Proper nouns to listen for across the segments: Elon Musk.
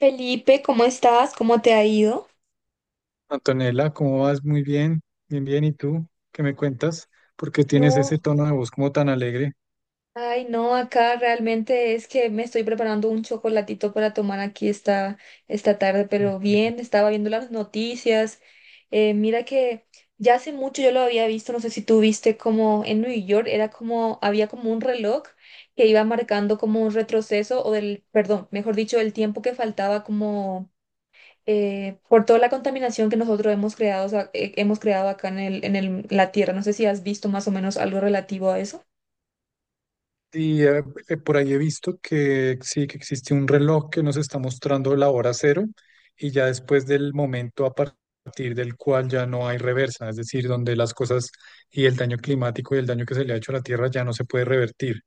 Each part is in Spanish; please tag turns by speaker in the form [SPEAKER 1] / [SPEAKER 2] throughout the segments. [SPEAKER 1] Felipe, ¿cómo estás? ¿Cómo te ha ido?
[SPEAKER 2] Antonella, ¿cómo vas? Muy bien, bien, bien. ¿Y tú? ¿Qué me cuentas? ¿Por qué tienes
[SPEAKER 1] No,
[SPEAKER 2] ese tono de voz como tan alegre?
[SPEAKER 1] ay, no, acá realmente es que me estoy preparando un chocolatito para tomar aquí esta tarde,
[SPEAKER 2] Uf,
[SPEAKER 1] pero
[SPEAKER 2] pues,
[SPEAKER 1] bien, estaba viendo las noticias. Mira que ya hace mucho yo lo había visto, no sé si tú viste, como en New York era como, había como un reloj que iba marcando como un retroceso o perdón, mejor dicho, el tiempo que faltaba, como por toda la contaminación que nosotros hemos creado, o sea, hemos creado acá en la Tierra. No sé si has visto más o menos algo relativo a eso.
[SPEAKER 2] Y eh, por ahí he visto que sí, que existe un reloj que nos está mostrando la hora cero y ya después del momento a partir del cual ya no hay reversa, es decir, donde las cosas y el daño climático y el daño que se le ha hecho a la Tierra ya no se puede revertir.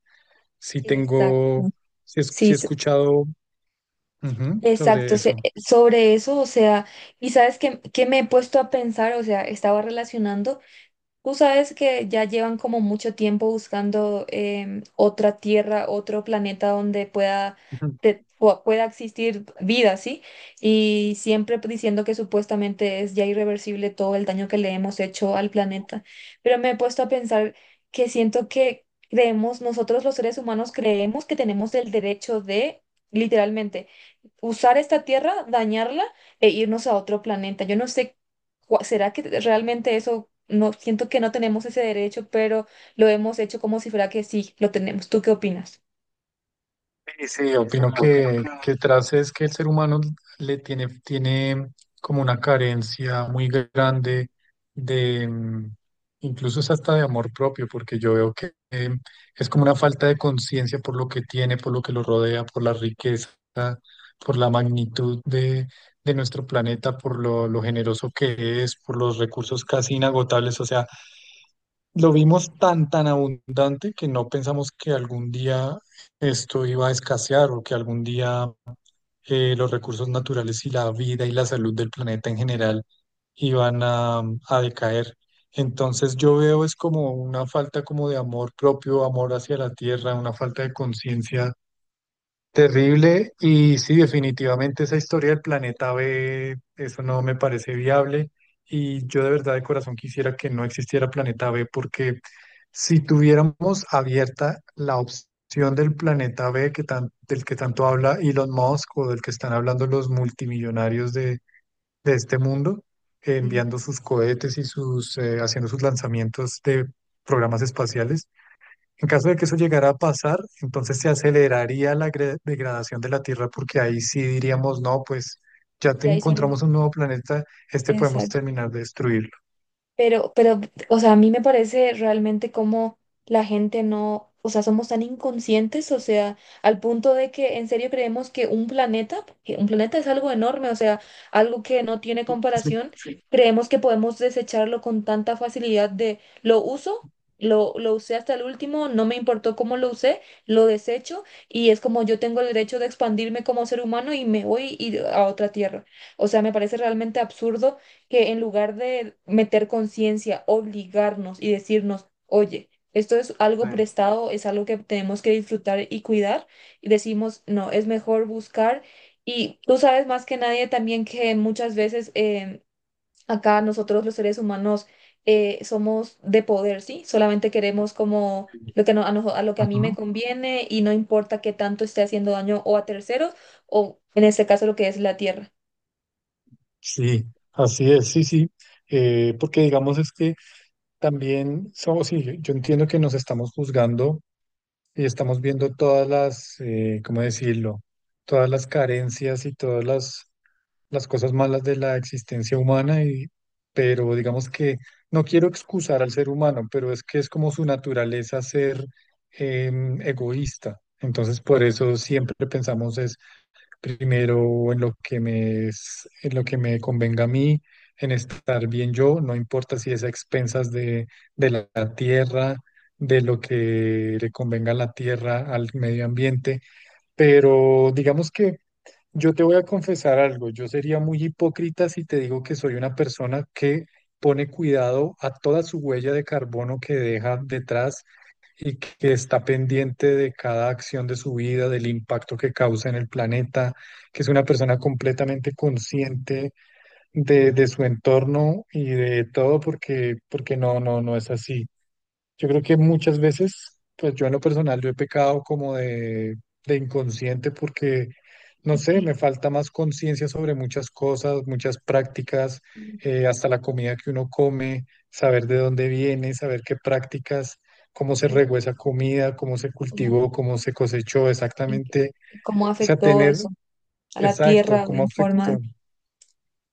[SPEAKER 2] Sí
[SPEAKER 1] Exacto.
[SPEAKER 2] tengo, sí,
[SPEAKER 1] Sí,
[SPEAKER 2] sí he escuchado, ujú, sobre
[SPEAKER 1] exacto.
[SPEAKER 2] eso.
[SPEAKER 1] Sobre eso, o sea, y sabes que me he puesto a pensar, o sea, estaba relacionando. Tú sabes que ya llevan como mucho tiempo buscando otra tierra, otro planeta donde pueda, pueda existir vida, ¿sí? Y siempre diciendo que supuestamente es ya irreversible todo el daño que le hemos hecho al planeta. Pero me he puesto a pensar que siento que creemos, nosotros los seres humanos creemos que tenemos el derecho de, literalmente, usar esta tierra, dañarla e irnos a otro planeta. Yo no sé, ¿será que realmente eso? No, siento que no tenemos ese derecho, pero lo hemos hecho como si fuera que sí, lo tenemos. ¿Tú qué opinas?
[SPEAKER 2] Sí, sí, opino que, tras es que el ser humano tiene como una carencia muy grande de incluso es hasta de amor propio, porque yo veo que es como una falta de conciencia por lo que tiene, por lo que lo rodea, por la riqueza, por la magnitud de nuestro planeta, por lo generoso que es, por los recursos casi inagotables. O sea, lo vimos tan, tan abundante que no pensamos que algún día esto iba a escasear o que algún día los recursos naturales y la vida y la salud del planeta en general iban a decaer. Entonces yo veo es como una falta como de amor propio, amor hacia la tierra, una falta de conciencia terrible. Y sí, definitivamente esa historia del planeta B, eso no me parece viable, y yo de verdad de corazón quisiera que no existiera planeta B, porque si tuviéramos abierta la opción del planeta B, del que tanto habla Elon Musk o del que están hablando los multimillonarios de este mundo,
[SPEAKER 1] Sí,
[SPEAKER 2] enviando sus cohetes y sus, haciendo sus lanzamientos de programas espaciales, en caso de que eso llegara a pasar, entonces se aceleraría la degradación de la Tierra, porque ahí sí diríamos, no, pues ya te
[SPEAKER 1] y hay
[SPEAKER 2] encontramos
[SPEAKER 1] solución.
[SPEAKER 2] un nuevo planeta, este podemos
[SPEAKER 1] Exacto.
[SPEAKER 2] terminar de destruirlo.
[SPEAKER 1] Pero, o sea, a mí me parece realmente como la gente no, o sea, somos tan inconscientes, o sea, al punto de que en serio creemos que un planeta es algo enorme, o sea, algo que no tiene comparación. Sí, creemos que podemos desecharlo con tanta facilidad. De lo uso, lo usé hasta el último, no me importó cómo lo usé, lo desecho, y es como yo tengo el derecho de expandirme como ser humano y me voy a otra tierra. O sea, me parece realmente absurdo que en lugar de meter conciencia, obligarnos y decirnos, oye, esto es algo
[SPEAKER 2] Eh,
[SPEAKER 1] prestado, es algo que tenemos que disfrutar y cuidar, y decimos, no, es mejor buscar. Y tú sabes más que nadie también que muchas veces acá nosotros los seres humanos somos de poder, ¿sí? Solamente queremos como
[SPEAKER 2] sí.
[SPEAKER 1] lo que a lo que a mí me
[SPEAKER 2] Ujú.
[SPEAKER 1] conviene, y no importa qué tanto esté haciendo daño o a terceros o en este caso lo que es la Tierra.
[SPEAKER 2] Sí, así es, sí, sí, porque digamos es que también somos, sí, yo entiendo que nos estamos juzgando y estamos viendo todas las, ¿cómo decirlo? Todas las carencias y todas las cosas malas de la existencia humana, y, pero digamos que no quiero excusar al ser humano, pero es que es como su naturaleza ser egoísta. Entonces, por eso siempre pensamos es primero en lo que en lo que me convenga a mí, en estar bien yo, no importa si es a expensas de la tierra, de lo que le convenga a la tierra, al medio ambiente, pero digamos que yo te voy a confesar algo, yo sería muy hipócrita si te digo que soy una persona que pone cuidado a toda su huella de carbono que deja detrás y que está pendiente de cada acción de su vida, del impacto que causa en el planeta, que es una persona completamente consciente de su entorno y de todo, porque, porque no, no, no es así. Yo creo que muchas veces, pues yo en lo personal, yo he pecado como de inconsciente, porque, no
[SPEAKER 1] Ok,
[SPEAKER 2] sé, me falta más conciencia sobre muchas cosas, muchas prácticas,
[SPEAKER 1] mm,
[SPEAKER 2] hasta la comida que uno come, saber de dónde viene, saber qué prácticas, cómo se regó
[SPEAKER 1] exacto.
[SPEAKER 2] esa comida, cómo se cultivó, cómo se cosechó
[SPEAKER 1] ¿En qué?
[SPEAKER 2] exactamente.
[SPEAKER 1] Cómo
[SPEAKER 2] O sea,
[SPEAKER 1] afectó
[SPEAKER 2] tener,
[SPEAKER 1] eso a la
[SPEAKER 2] exacto,
[SPEAKER 1] Tierra
[SPEAKER 2] cómo
[SPEAKER 1] en forma.
[SPEAKER 2] afectó.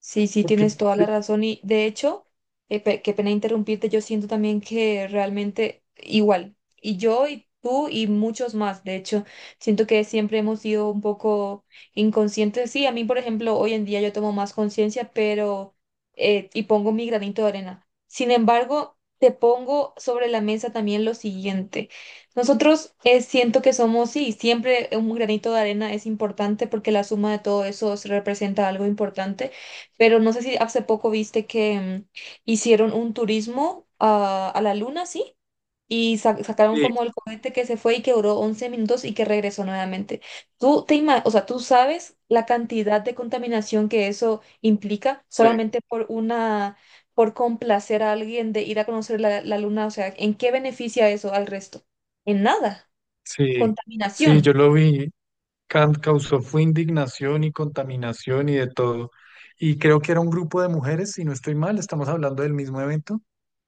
[SPEAKER 1] Sí, sí,
[SPEAKER 2] Porque,
[SPEAKER 1] tienes toda la razón. Y, de hecho, qué pena interrumpirte, yo siento también que realmente igual, y yo y tú y muchos más, de hecho, siento que siempre hemos sido un poco inconscientes. Sí, a mí, por ejemplo, hoy en día yo tomo más conciencia, pero y pongo mi granito de arena. Sin embargo, te pongo sobre la mesa también lo siguiente. Nosotros siento que somos, sí, siempre un granito de arena es importante porque la suma de todo eso representa algo importante. Pero no sé si hace poco viste que hicieron un turismo a la luna, ¿sí? Y sacaron
[SPEAKER 2] sí,
[SPEAKER 1] como el cohete que se fue y que duró 11 minutos y que regresó nuevamente. Tú o sea, tú sabes la cantidad de contaminación que eso implica
[SPEAKER 2] sí,
[SPEAKER 1] solamente por complacer a alguien de ir a conocer la luna. O sea, ¿en qué beneficia eso al resto? En nada.
[SPEAKER 2] sí, sí, yo
[SPEAKER 1] Contaminación.
[SPEAKER 2] lo vi. Kant causó fue indignación y contaminación y de todo. Y creo que era un grupo de mujeres, si no estoy mal, estamos hablando del mismo evento.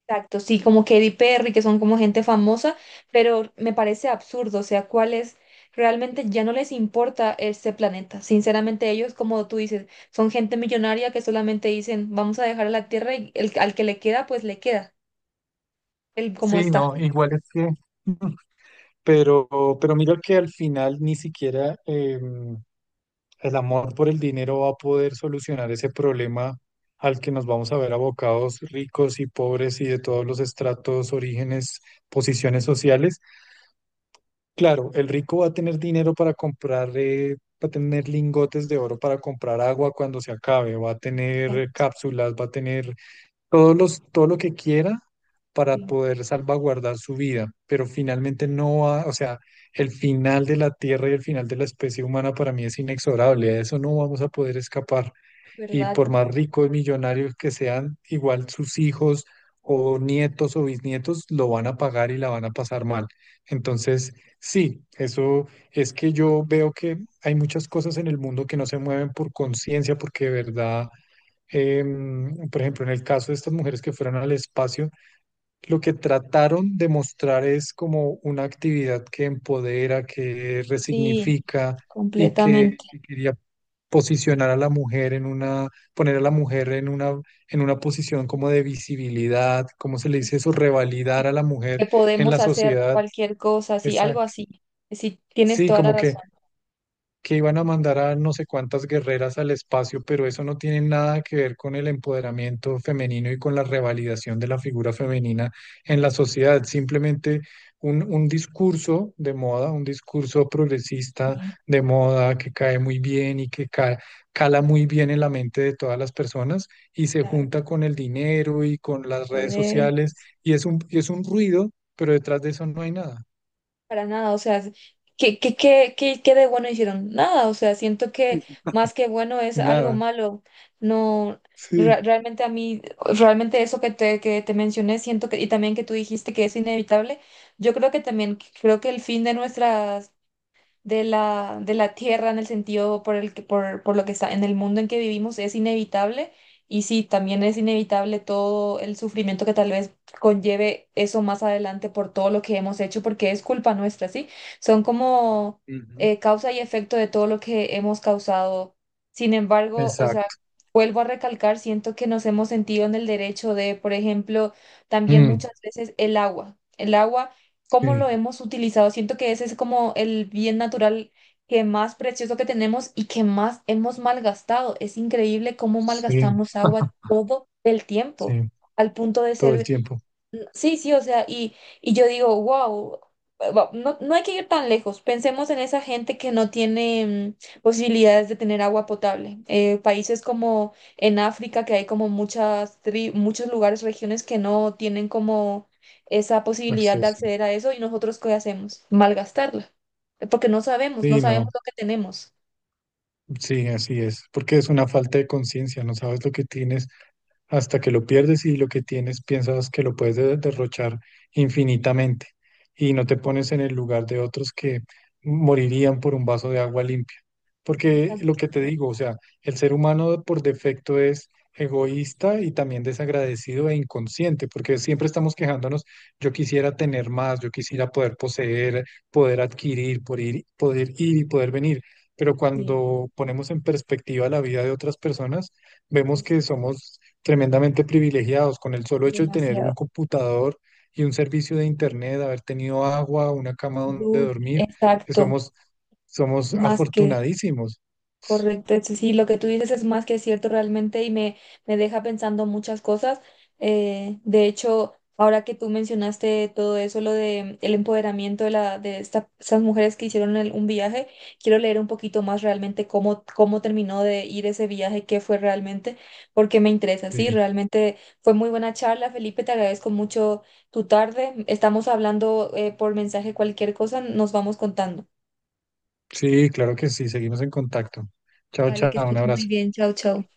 [SPEAKER 1] Exacto, sí, como Katy Perry, que son como gente famosa, pero me parece absurdo, o sea, cuáles realmente ya no les importa este planeta. Sinceramente, ellos, como tú dices, son gente millonaria que solamente dicen, vamos a dejar a la Tierra y al que le queda, pues le queda, el como
[SPEAKER 2] Sí,
[SPEAKER 1] está.
[SPEAKER 2] no, igual es que, pero, pero mira que al final ni siquiera el amor por el dinero va a poder solucionar ese problema al que nos vamos a ver abocados ricos y pobres y de todos los estratos, orígenes, posiciones sociales. Claro, el rico va a tener dinero para comprar, va a tener lingotes de oro para comprar agua cuando se acabe, va a tener cápsulas, va a tener todo lo que quiera para
[SPEAKER 1] Sí.
[SPEAKER 2] poder salvaguardar su vida, pero finalmente no va, o sea, el final de la Tierra y el final de la especie humana para mí es inexorable, a eso no vamos a poder escapar. Y
[SPEAKER 1] ¿Verdad?
[SPEAKER 2] por más ricos, millonarios que sean, igual sus hijos o nietos o bisnietos lo van a pagar y la van a pasar mal. Entonces, sí, eso es que yo veo que hay muchas cosas en el mundo que no se mueven por conciencia, porque de verdad por ejemplo, en el caso de estas mujeres que fueron al espacio, lo que trataron de mostrar es como una actividad que empodera, que
[SPEAKER 1] Sí,
[SPEAKER 2] resignifica y
[SPEAKER 1] completamente.
[SPEAKER 2] que quería posicionar a la mujer en una, poner a la mujer en una posición como de visibilidad, ¿cómo se le dice
[SPEAKER 1] Es
[SPEAKER 2] eso?
[SPEAKER 1] Que
[SPEAKER 2] Revalidar a la mujer
[SPEAKER 1] que
[SPEAKER 2] en
[SPEAKER 1] podemos
[SPEAKER 2] la
[SPEAKER 1] hacer
[SPEAKER 2] sociedad.
[SPEAKER 1] cualquier cosa, así, algo
[SPEAKER 2] Exacto.
[SPEAKER 1] así. Sí, tienes
[SPEAKER 2] Sí,
[SPEAKER 1] toda la
[SPEAKER 2] como
[SPEAKER 1] razón.
[SPEAKER 2] que iban a mandar a no sé cuántas guerreras al espacio, pero eso no tiene nada que ver con el empoderamiento femenino y con la revalidación de la figura femenina en la sociedad. Simplemente un discurso de moda, un discurso progresista
[SPEAKER 1] Sí,
[SPEAKER 2] de moda que cae muy bien y que cala muy bien en la mente de todas las personas y se
[SPEAKER 1] claro,
[SPEAKER 2] junta con el dinero y con las redes
[SPEAKER 1] poder.
[SPEAKER 2] sociales y es un ruido, pero detrás de eso no hay nada,
[SPEAKER 1] Para nada, o sea, ¿qué de bueno hicieron. Nada, o sea, siento que más que bueno es algo
[SPEAKER 2] nada.
[SPEAKER 1] malo. No,
[SPEAKER 2] Sí,
[SPEAKER 1] realmente a mí, realmente eso que que te mencioné, siento que, y también que tú dijiste que es inevitable, yo creo que también, creo que el fin de nuestras de la Tierra, en el sentido por lo que está en el mundo en que vivimos, es inevitable. Y sí, también es inevitable todo el sufrimiento que tal vez conlleve eso más adelante por todo lo que hemos hecho, porque es culpa nuestra, ¿sí? Son como
[SPEAKER 2] ujú.
[SPEAKER 1] causa y efecto de todo lo que hemos causado. Sin embargo, o sea,
[SPEAKER 2] Exacto.
[SPEAKER 1] vuelvo a recalcar, siento que nos hemos sentido en el derecho de, por ejemplo, también
[SPEAKER 2] Mm.
[SPEAKER 1] muchas veces el agua. El agua, cómo
[SPEAKER 2] Sí,
[SPEAKER 1] lo hemos utilizado. Siento que ese es como el bien natural que más precioso que tenemos y que más hemos malgastado. Es increíble cómo
[SPEAKER 2] sí,
[SPEAKER 1] malgastamos agua todo el tiempo,
[SPEAKER 2] sí,
[SPEAKER 1] al punto de
[SPEAKER 2] todo el
[SPEAKER 1] ser.
[SPEAKER 2] tiempo,
[SPEAKER 1] Sí, sí, o sea, y yo digo, wow, no, no hay que ir tan lejos. Pensemos en esa gente que no tiene posibilidades de tener agua potable. Países como en África, que hay como muchos lugares, regiones que no tienen como esa posibilidad de
[SPEAKER 2] acceso.
[SPEAKER 1] acceder a eso, ¿y nosotros qué hacemos? Malgastarla. Porque no sabemos, no
[SPEAKER 2] Sí,
[SPEAKER 1] sabemos
[SPEAKER 2] no,
[SPEAKER 1] lo que tenemos.
[SPEAKER 2] sí, así es, porque es una falta de conciencia, no sabes lo que tienes hasta que lo pierdes, y lo que tienes piensas que lo puedes derrochar infinitamente y no te
[SPEAKER 1] Co-
[SPEAKER 2] pones en el lugar de otros que morirían por un vaso de agua limpia. Porque lo
[SPEAKER 1] Exacto,
[SPEAKER 2] que te digo, o sea, el ser humano por defecto es egoísta y también desagradecido e inconsciente, porque siempre estamos quejándonos, yo quisiera tener más, yo quisiera poder poseer, poder adquirir, poder ir y poder venir, pero
[SPEAKER 1] sí,
[SPEAKER 2] cuando ponemos en perspectiva la vida de otras personas, vemos
[SPEAKER 1] es
[SPEAKER 2] que somos tremendamente privilegiados con el solo hecho de tener un
[SPEAKER 1] demasiado.
[SPEAKER 2] computador y un servicio de internet, haber tenido agua, una cama donde dormir, que
[SPEAKER 1] Exacto,
[SPEAKER 2] somos, somos
[SPEAKER 1] más que
[SPEAKER 2] afortunadísimos.
[SPEAKER 1] correcto. Eso sí, lo que tú dices es más que cierto realmente, y me deja pensando muchas cosas. De hecho, ahora que tú mencionaste todo eso, lo de el empoderamiento de, la, de estas mujeres que hicieron un viaje, quiero leer un poquito más realmente cómo, terminó de ir ese viaje, qué fue realmente, porque me interesa. Sí,
[SPEAKER 2] Sí,
[SPEAKER 1] realmente fue muy buena charla, Felipe, te agradezco mucho tu tarde. Estamos hablando por mensaje cualquier cosa, nos vamos contando.
[SPEAKER 2] sí, claro que sí, seguimos en contacto. Chao,
[SPEAKER 1] Vale, que
[SPEAKER 2] chao, un
[SPEAKER 1] estés muy
[SPEAKER 2] abrazo.
[SPEAKER 1] bien, chao, chao.